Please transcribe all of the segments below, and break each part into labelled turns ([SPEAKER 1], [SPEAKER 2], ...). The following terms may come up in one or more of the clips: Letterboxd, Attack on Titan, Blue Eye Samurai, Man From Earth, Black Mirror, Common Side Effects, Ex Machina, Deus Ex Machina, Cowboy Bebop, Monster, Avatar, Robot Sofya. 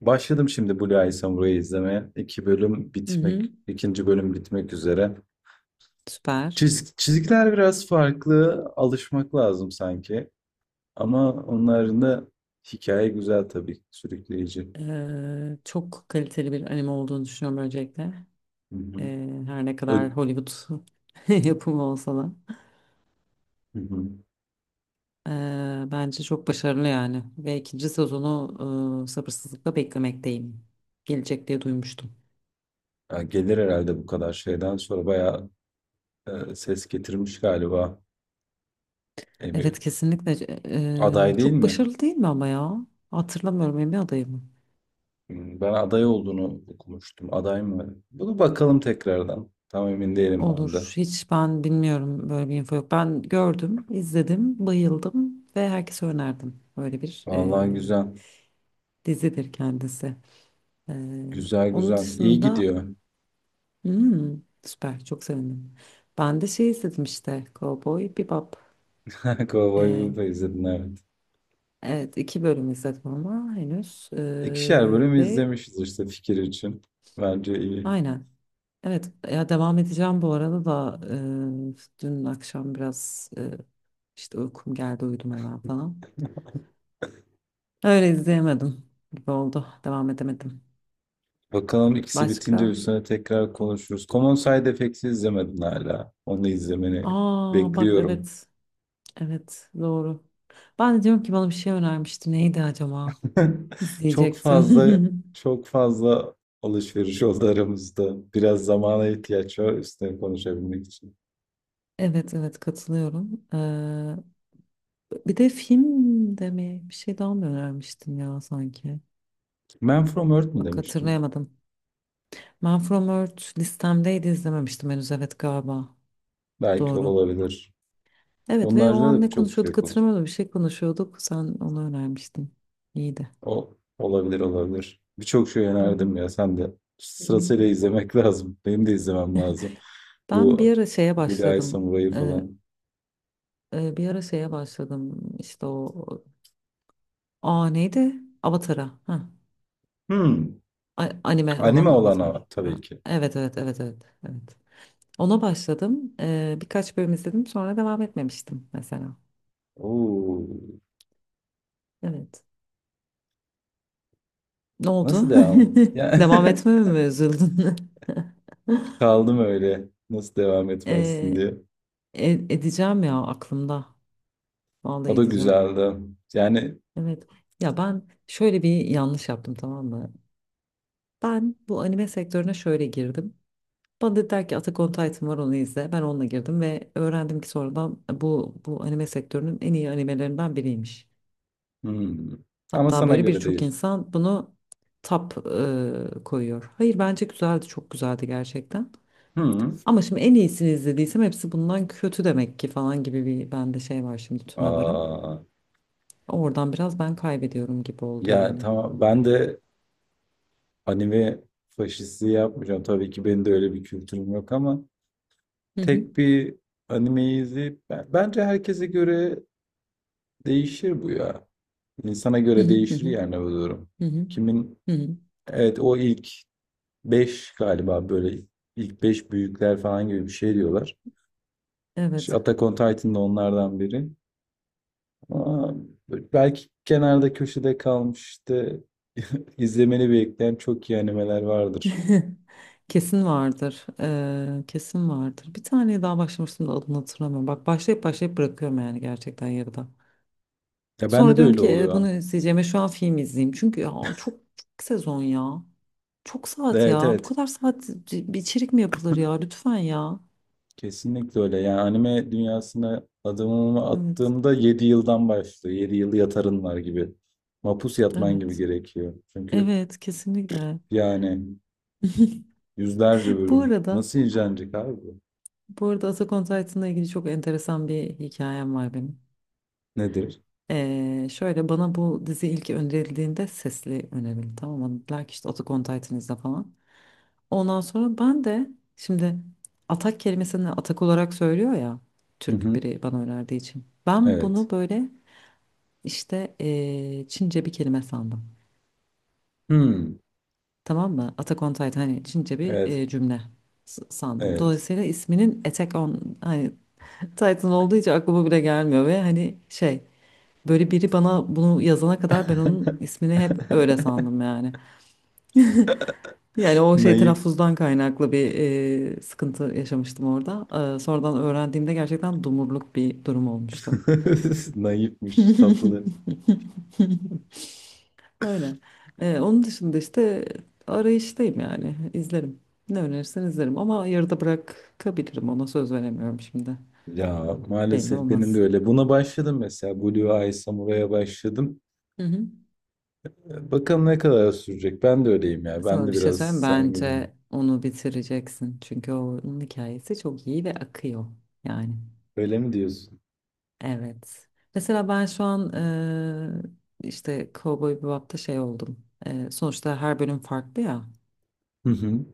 [SPEAKER 1] Başladım şimdi Blue Eye Samurai'yi izlemeye. İki bölüm
[SPEAKER 2] Hı hı.
[SPEAKER 1] bitmek, ikinci bölüm bitmek üzere.
[SPEAKER 2] Süper.
[SPEAKER 1] Çizikler biraz farklı, alışmak lazım sanki. Ama onların da hikaye güzel tabii, sürükleyici.
[SPEAKER 2] Çok kaliteli bir anime olduğunu düşünüyorum öncelikle.
[SPEAKER 1] Hı hı.
[SPEAKER 2] Her ne
[SPEAKER 1] Ö-
[SPEAKER 2] kadar Hollywood yapımı olsa da.
[SPEAKER 1] Hı hı.
[SPEAKER 2] Bence çok başarılı yani. Ve ikinci sezonu sabırsızlıkla beklemekteyim. Gelecek diye duymuştum.
[SPEAKER 1] Ya gelir herhalde bu kadar şeyden sonra bayağı ses getirmiş galiba. Bir
[SPEAKER 2] Evet, kesinlikle.
[SPEAKER 1] aday değil
[SPEAKER 2] Çok
[SPEAKER 1] mi?
[SPEAKER 2] başarılı değil mi ama ya? Hatırlamıyorum, Emmy adayı mı?
[SPEAKER 1] Ben aday olduğunu okumuştum. Aday mı? Bunu bakalım tekrardan. Tam emin değilim ben de.
[SPEAKER 2] Olur. Hiç ben bilmiyorum, böyle bir info yok. Ben gördüm, izledim, bayıldım ve herkese önerdim. Böyle bir
[SPEAKER 1] Vallahi güzel.
[SPEAKER 2] dizidir kendisi. Ee,
[SPEAKER 1] Güzel
[SPEAKER 2] Onun
[SPEAKER 1] güzel. İyi
[SPEAKER 2] dışında
[SPEAKER 1] gidiyor.
[SPEAKER 2] hmm, süper, çok sevindim. Ben de şey izledim işte Cowboy Bebop.
[SPEAKER 1] Cowboy
[SPEAKER 2] Ee,
[SPEAKER 1] Bebop'u izledin, evet.
[SPEAKER 2] evet, iki bölüm izledim ama henüz.
[SPEAKER 1] İkişer bölüm
[SPEAKER 2] Ve
[SPEAKER 1] izlemişiz işte fikir için. Bence iyi.
[SPEAKER 2] aynen. Evet ya, devam edeceğim bu arada da dün akşam biraz işte uykum geldi, uyudum hemen falan. Öyle izleyemedim gibi oldu. Devam edemedim.
[SPEAKER 1] Bakalım ikisi bitince
[SPEAKER 2] Başka?
[SPEAKER 1] üstüne tekrar konuşuruz. Common Side Effects'i izlemedin hala. Onu izlemeni
[SPEAKER 2] Aa, bak,
[SPEAKER 1] bekliyorum.
[SPEAKER 2] evet, evet, doğru. Ben de diyorum ki bana bir şey önermişti. Neydi acaba?
[SPEAKER 1] Çok fazla
[SPEAKER 2] İzleyecektim.
[SPEAKER 1] çok fazla alışveriş oldu aramızda. Biraz zamana ihtiyaç var üstüne konuşabilmek için.
[SPEAKER 2] Evet, evet, katılıyorum. Bir de film de mi? Bir şey daha mı önermiştin ya sanki?
[SPEAKER 1] Man From Earth mi
[SPEAKER 2] Bak,
[SPEAKER 1] demiştim?
[SPEAKER 2] hatırlayamadım. Man From Earth listemdeydi, izlememiştim henüz. Evet, galiba.
[SPEAKER 1] Belki
[SPEAKER 2] Doğru.
[SPEAKER 1] olabilir.
[SPEAKER 2] Evet,
[SPEAKER 1] Onun
[SPEAKER 2] ve o an
[SPEAKER 1] haricinde de
[SPEAKER 2] ne
[SPEAKER 1] çok şey
[SPEAKER 2] konuşuyorduk
[SPEAKER 1] konuştuk.
[SPEAKER 2] hatırlamıyorum. Bir şey konuşuyorduk. Sen onu önermiştin. İyiydi.
[SPEAKER 1] O olabilir olabilir. Birçok şey
[SPEAKER 2] Hı
[SPEAKER 1] önerdim
[SPEAKER 2] hı.
[SPEAKER 1] ya sen de.
[SPEAKER 2] Hı hı.
[SPEAKER 1] Sırasıyla izlemek lazım. Benim de izlemem lazım.
[SPEAKER 2] Ben
[SPEAKER 1] Bu
[SPEAKER 2] bir ara şeye
[SPEAKER 1] Blue Eye
[SPEAKER 2] başladım.
[SPEAKER 1] Samurai'ı
[SPEAKER 2] Ee,
[SPEAKER 1] falan.
[SPEAKER 2] Bir ara şeye başladım. İşte o. Aa, neydi? Avatar'a. Ha.
[SPEAKER 1] Hmm.
[SPEAKER 2] Anime
[SPEAKER 1] Anime
[SPEAKER 2] olan Avatar.
[SPEAKER 1] olana tabii ki.
[SPEAKER 2] Evet, evet, evet, evet, evet. Ona başladım. Birkaç bölüm izledim, sonra devam etmemiştim mesela.
[SPEAKER 1] Oo.
[SPEAKER 2] Evet. Ne
[SPEAKER 1] Nasıl
[SPEAKER 2] oldu?
[SPEAKER 1] devam? Yani,
[SPEAKER 2] Devam etmeme mi üzüldün?
[SPEAKER 1] kaldım öyle. Nasıl devam etmezsin
[SPEAKER 2] Ee,
[SPEAKER 1] diye.
[SPEAKER 2] edeceğim ya, aklımda. Vallahi
[SPEAKER 1] O da
[SPEAKER 2] edeceğim.
[SPEAKER 1] güzeldi. Yani
[SPEAKER 2] Evet. Ya ben şöyle bir yanlış yaptım, tamam mı? Ben bu anime sektörüne şöyle girdim. Bana dediler ki Attack on Titan var, onu izle. Ben onunla girdim ve öğrendim ki sonradan bu anime sektörünün en iyi animelerinden biriymiş.
[SPEAKER 1] hmm. Ama
[SPEAKER 2] Hatta
[SPEAKER 1] sana
[SPEAKER 2] böyle
[SPEAKER 1] göre
[SPEAKER 2] birçok
[SPEAKER 1] değil.
[SPEAKER 2] insan bunu top koyuyor. Hayır, bence güzeldi, çok güzeldi gerçekten.
[SPEAKER 1] Hmm.
[SPEAKER 2] Ama şimdi en iyisini izlediysem hepsi bundan kötü demek ki falan gibi bir bende şey var şimdi, tüme varım.
[SPEAKER 1] Aa.
[SPEAKER 2] Oradan biraz ben kaybediyorum gibi oldu
[SPEAKER 1] Ya
[SPEAKER 2] yani.
[SPEAKER 1] tamam, ben de anime faşisti yapmayacağım. Tabii ki benim de öyle bir kültürüm yok ama
[SPEAKER 2] Hı hı.
[SPEAKER 1] tek bir animeyi izleyip bence herkese göre değişir bu ya. İnsana
[SPEAKER 2] Hı
[SPEAKER 1] göre
[SPEAKER 2] hı hı
[SPEAKER 1] değişir
[SPEAKER 2] hı.
[SPEAKER 1] yani bu durum.
[SPEAKER 2] Hı hı.
[SPEAKER 1] Kimin
[SPEAKER 2] Hı hı.
[SPEAKER 1] evet o ilk 5 galiba böyle ilk 5 büyükler falan gibi bir şey diyorlar. İşte
[SPEAKER 2] Evet.
[SPEAKER 1] Attack on Titan da onlardan biri. Ama belki kenarda köşede kalmış işte izlemeni bekleyen çok iyi animeler vardır.
[SPEAKER 2] Kesin vardır. Kesin vardır. Bir tane daha başlamıştım da adını hatırlamıyorum. Bak, başlayıp başlayıp bırakıyorum yani gerçekten, yarıda.
[SPEAKER 1] Ya
[SPEAKER 2] Sonra
[SPEAKER 1] bende de
[SPEAKER 2] diyorum
[SPEAKER 1] öyle
[SPEAKER 2] ki "E,
[SPEAKER 1] oluyor.
[SPEAKER 2] bunu izleyeceğime şu an film izleyeyim. Çünkü ya çok, çok sezon ya. Çok saat
[SPEAKER 1] Evet
[SPEAKER 2] ya. Bu
[SPEAKER 1] evet,
[SPEAKER 2] kadar saat bir içerik mi yapılır ya? Lütfen ya."
[SPEAKER 1] kesinlikle öyle. Yani anime dünyasına adımımı
[SPEAKER 2] Evet.
[SPEAKER 1] attığımda 7 yıldan başlıyor. 7 yıl yatarın var gibi. Mapus yatman gibi
[SPEAKER 2] Evet.
[SPEAKER 1] gerekiyor. Çünkü
[SPEAKER 2] Evet, kesinlikle.
[SPEAKER 1] yani yüzlerce
[SPEAKER 2] Bu
[SPEAKER 1] bölüm.
[SPEAKER 2] arada
[SPEAKER 1] Nasıl incelenecek abi bu?
[SPEAKER 2] bu arada Attack on Titan'la ilgili çok enteresan bir hikayem var benim.
[SPEAKER 1] Nedir?
[SPEAKER 2] Şöyle, bana bu dizi ilk önerildiğinde sesli önerildi, tamam mı? Dediler ki işte Attack on Titan izle falan. Ondan sonra ben de şimdi atak kelimesini atak olarak söylüyor ya
[SPEAKER 1] Hı
[SPEAKER 2] Türk
[SPEAKER 1] hı.
[SPEAKER 2] biri bana önerdiği için. Ben
[SPEAKER 1] Evet.
[SPEAKER 2] bunu böyle işte Çince bir kelime sandım.
[SPEAKER 1] Hmm.
[SPEAKER 2] Tamam mı? Attack on Titan hani Çince bir
[SPEAKER 1] Evet.
[SPEAKER 2] cümle sandım.
[SPEAKER 1] Evet.
[SPEAKER 2] Dolayısıyla isminin Attack on hani Titan olduğu için aklıma bile gelmiyor ve hani şey. Böyle biri bana bunu yazana kadar ben onun ismini hep öyle sandım yani. Yani o şey
[SPEAKER 1] Naif.
[SPEAKER 2] telaffuzdan kaynaklı bir sıkıntı yaşamıştım orada. Sonradan öğrendiğimde gerçekten dumurluk bir durum olmuştu.
[SPEAKER 1] Naifmiş, tatlı.
[SPEAKER 2] Öyle. Onun dışında işte arayıştayım yani. İzlerim. Ne önerirsen izlerim ama yarıda bırakabilirim, ona söz veremiyorum şimdi.
[SPEAKER 1] Ya
[SPEAKER 2] Belli
[SPEAKER 1] maalesef benim de
[SPEAKER 2] olmaz.
[SPEAKER 1] öyle. Buna başladım mesela. Blue Eye Samurai'a başladım.
[SPEAKER 2] Hı hı.
[SPEAKER 1] Bakalım ne kadar sürecek. Ben de öyleyim ya. Ben
[SPEAKER 2] Sana
[SPEAKER 1] de
[SPEAKER 2] bir şey
[SPEAKER 1] biraz
[SPEAKER 2] söyleyeyim mi?
[SPEAKER 1] sen gibi.
[SPEAKER 2] Bence onu bitireceksin. Çünkü onun hikayesi çok iyi ve akıyor yani.
[SPEAKER 1] Öyle mi diyorsun?
[SPEAKER 2] Evet. Mesela ben şu an işte Cowboy Bebop'ta şey oldum. Sonuçta her bölüm farklı ya.
[SPEAKER 1] Hı hı.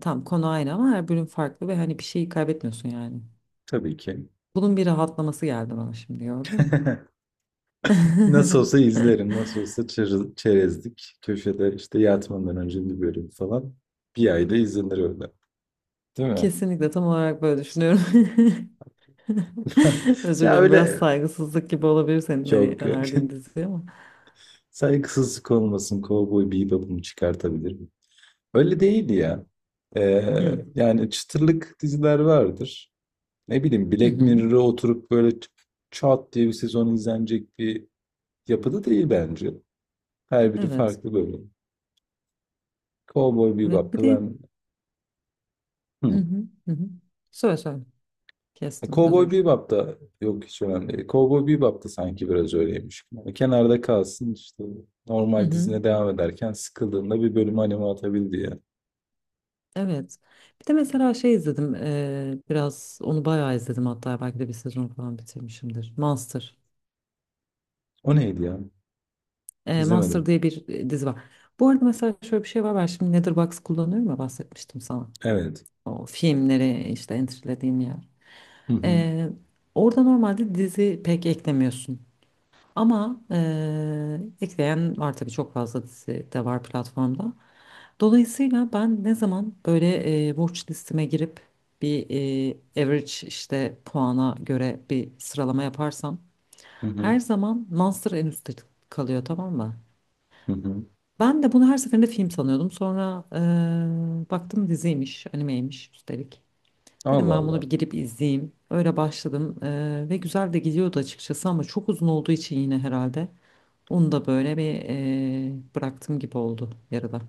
[SPEAKER 2] Tam konu aynı ama her bölüm farklı ve hani bir şeyi kaybetmiyorsun yani.
[SPEAKER 1] Tabii ki.
[SPEAKER 2] Bunun bir rahatlaması geldi bana şimdi, gördün mü?
[SPEAKER 1] Nasıl olsa izlerim. Nasıl olsa çerezlik. Köşede işte yatmadan önce bir bölüm falan. Bir ayda izlenir öyle. Değil mi?
[SPEAKER 2] Kesinlikle, tam olarak böyle düşünüyorum. Özür
[SPEAKER 1] Ya
[SPEAKER 2] dilerim, biraz
[SPEAKER 1] öyle,
[SPEAKER 2] saygısızlık gibi olabilir senin hani
[SPEAKER 1] yok yok.
[SPEAKER 2] önerdiğin dizi ama.
[SPEAKER 1] Saygısızlık olmasın. Cowboy Bebop'umu çıkartabilirim. Öyle değil ya.
[SPEAKER 2] Hı.
[SPEAKER 1] Yani çıtırlık diziler vardır. Ne bileyim,
[SPEAKER 2] Hı
[SPEAKER 1] Black
[SPEAKER 2] hı.
[SPEAKER 1] Mirror'a oturup böyle çat diye bir sezon izlenecek bir yapıda değil bence. Her biri
[SPEAKER 2] Evet.
[SPEAKER 1] farklı bölüm. Cowboy
[SPEAKER 2] Evet. Bir
[SPEAKER 1] Bebop'ta
[SPEAKER 2] de
[SPEAKER 1] ben
[SPEAKER 2] hı
[SPEAKER 1] hı.
[SPEAKER 2] hı. Hı hı. Söyle söyle.
[SPEAKER 1] E,
[SPEAKER 2] Kestim.
[SPEAKER 1] Cowboy
[SPEAKER 2] Özür.
[SPEAKER 1] Bebop'ta yok, hiç önemli değil. Cowboy Bebop'ta sanki biraz öyleymiş. Yani kenarda kalsın işte
[SPEAKER 2] Hı
[SPEAKER 1] normal
[SPEAKER 2] hı.
[SPEAKER 1] dizine devam ederken sıkıldığında bir bölüm anime atabildi ya.
[SPEAKER 2] Evet. Bir de mesela şey izledim. Biraz onu bayağı izledim, hatta belki de bir sezon falan bitirmişimdir. Master.
[SPEAKER 1] O neydi ya?
[SPEAKER 2] Master
[SPEAKER 1] İzlemedim.
[SPEAKER 2] diye bir dizi var. Bu arada mesela şöyle bir şey var. Ben şimdi Letterboxd kullanıyorum ya, bahsetmiştim sana.
[SPEAKER 1] Evet.
[SPEAKER 2] O filmleri işte entrelediğim yer.
[SPEAKER 1] Hı hı.
[SPEAKER 2] Eee, Orada normalde dizi pek eklemiyorsun. Ama ekleyen var tabii, çok fazla dizi de var platformda. Dolayısıyla ben ne zaman böyle watch listeme girip bir average işte puana göre bir sıralama yaparsam
[SPEAKER 1] Hı hı.
[SPEAKER 2] her zaman Monster en üstte kalıyor, tamam mı?
[SPEAKER 1] Hı hı.
[SPEAKER 2] Ben de bunu her seferinde film sanıyordum. Sonra baktım diziymiş, animeymiş üstelik. Dedim
[SPEAKER 1] Allah
[SPEAKER 2] ben bunu
[SPEAKER 1] Allah.
[SPEAKER 2] bir girip izleyeyim. Öyle başladım ve güzel de gidiyordu açıkçası ama çok uzun olduğu için yine herhalde onu da böyle bir bıraktım gibi oldu yarıda.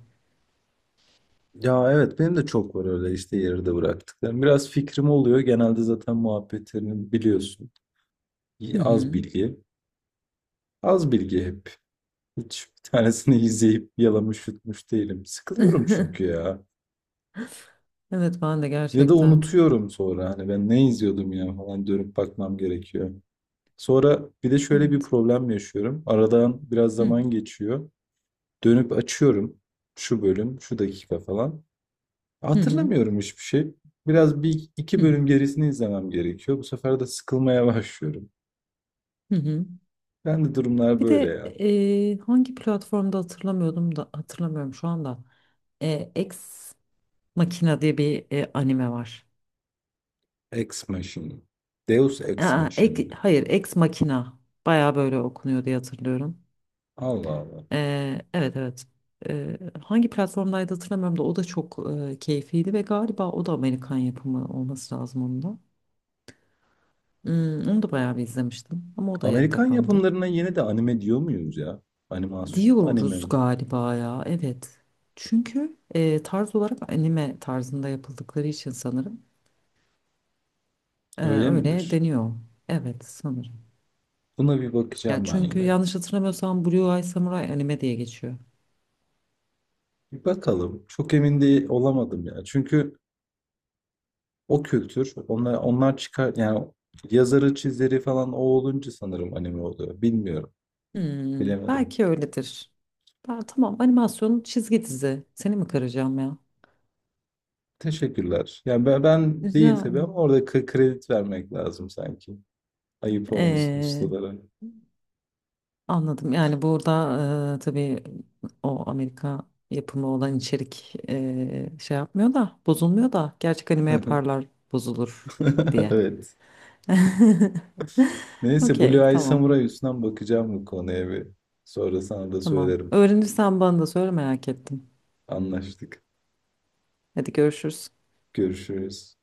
[SPEAKER 1] Ya evet, benim de çok var öyle işte yarıda bıraktıklarım. Biraz fikrim oluyor. Genelde zaten muhabbetlerini biliyorsun. İyi, az
[SPEAKER 2] Hı
[SPEAKER 1] bilgi. Az bilgi hep. Hiç bir tanesini izleyip yalamış yutmuş değilim. Sıkılıyorum
[SPEAKER 2] hı.
[SPEAKER 1] çünkü ya.
[SPEAKER 2] Evet, ben de
[SPEAKER 1] Ya da
[SPEAKER 2] gerçekten.
[SPEAKER 1] unutuyorum sonra. Hani ben ne izliyordum ya falan, dönüp bakmam gerekiyor. Sonra bir de şöyle bir
[SPEAKER 2] Evet.
[SPEAKER 1] problem yaşıyorum. Aradan biraz
[SPEAKER 2] Hı
[SPEAKER 1] zaman geçiyor. Dönüp açıyorum. Şu bölüm, şu dakika falan.
[SPEAKER 2] hı hı
[SPEAKER 1] Hatırlamıyorum hiçbir şey. Biraz bir iki
[SPEAKER 2] hı.
[SPEAKER 1] bölüm gerisini izlemem gerekiyor. Bu sefer de sıkılmaya başlıyorum.
[SPEAKER 2] Hı hı.
[SPEAKER 1] Ben de durumlar
[SPEAKER 2] Bir
[SPEAKER 1] böyle
[SPEAKER 2] de
[SPEAKER 1] ya.
[SPEAKER 2] hangi platformda hatırlamıyordum da hatırlamıyorum şu anda. Ex Machina diye bir anime var.
[SPEAKER 1] Ex Machina. Deus Ex
[SPEAKER 2] Aa,
[SPEAKER 1] Machina.
[SPEAKER 2] hayır, Ex Machina. Baya böyle okunuyor diye hatırlıyorum.
[SPEAKER 1] Allah Allah.
[SPEAKER 2] Evet, evet. Hangi platformdaydı hatırlamıyorum da o da çok keyifliydi ve galiba o da Amerikan yapımı olması lazım, onun da. Onu da bayağı bir izlemiştim ama o da yarıda
[SPEAKER 1] Amerikan
[SPEAKER 2] kaldı.
[SPEAKER 1] yapımlarına yine de anime diyor muyuz ya? Animasyon mu, anime
[SPEAKER 2] Diyoruz
[SPEAKER 1] mi?
[SPEAKER 2] galiba ya. Evet. Çünkü tarz olarak anime tarzında yapıldıkları için sanırım
[SPEAKER 1] Öyle
[SPEAKER 2] öyle
[SPEAKER 1] midir?
[SPEAKER 2] deniyor. Evet, sanırım.
[SPEAKER 1] Buna bir
[SPEAKER 2] Ya
[SPEAKER 1] bakacağım ben
[SPEAKER 2] çünkü
[SPEAKER 1] yine.
[SPEAKER 2] yanlış hatırlamıyorsam Blue Eye Samurai anime diye geçiyor.
[SPEAKER 1] Bir bakalım. Çok emin değil olamadım ya. Çünkü o kültür, onlar çıkar yani, yazarı, çizeri falan o olunca sanırım anime oluyor. Bilmiyorum. Bilemedim.
[SPEAKER 2] Belki öyledir. Ben, tamam, animasyon çizgi dizi. Seni mi kıracağım ya?
[SPEAKER 1] Teşekkürler. Yani ben, ben değil tabii
[SPEAKER 2] Güzel.
[SPEAKER 1] ama orada kredi vermek lazım sanki. Ayıp olmasın ustalara.
[SPEAKER 2] Anladım. Yani burada tabii o Amerika yapımı olan içerik şey yapmıyor da bozulmuyor da gerçek anime yaparlar bozulur diye.
[SPEAKER 1] Evet. Neyse, Blue
[SPEAKER 2] Okey,
[SPEAKER 1] Eye
[SPEAKER 2] tamam.
[SPEAKER 1] Samurai üstünden bakacağım bu konuya bir. Sonra sana da
[SPEAKER 2] Tamam.
[SPEAKER 1] söylerim.
[SPEAKER 2] Öğrenirsen bana da söyle, merak ettim.
[SPEAKER 1] Anlaştık.
[SPEAKER 2] Hadi görüşürüz.
[SPEAKER 1] Görüşürüz.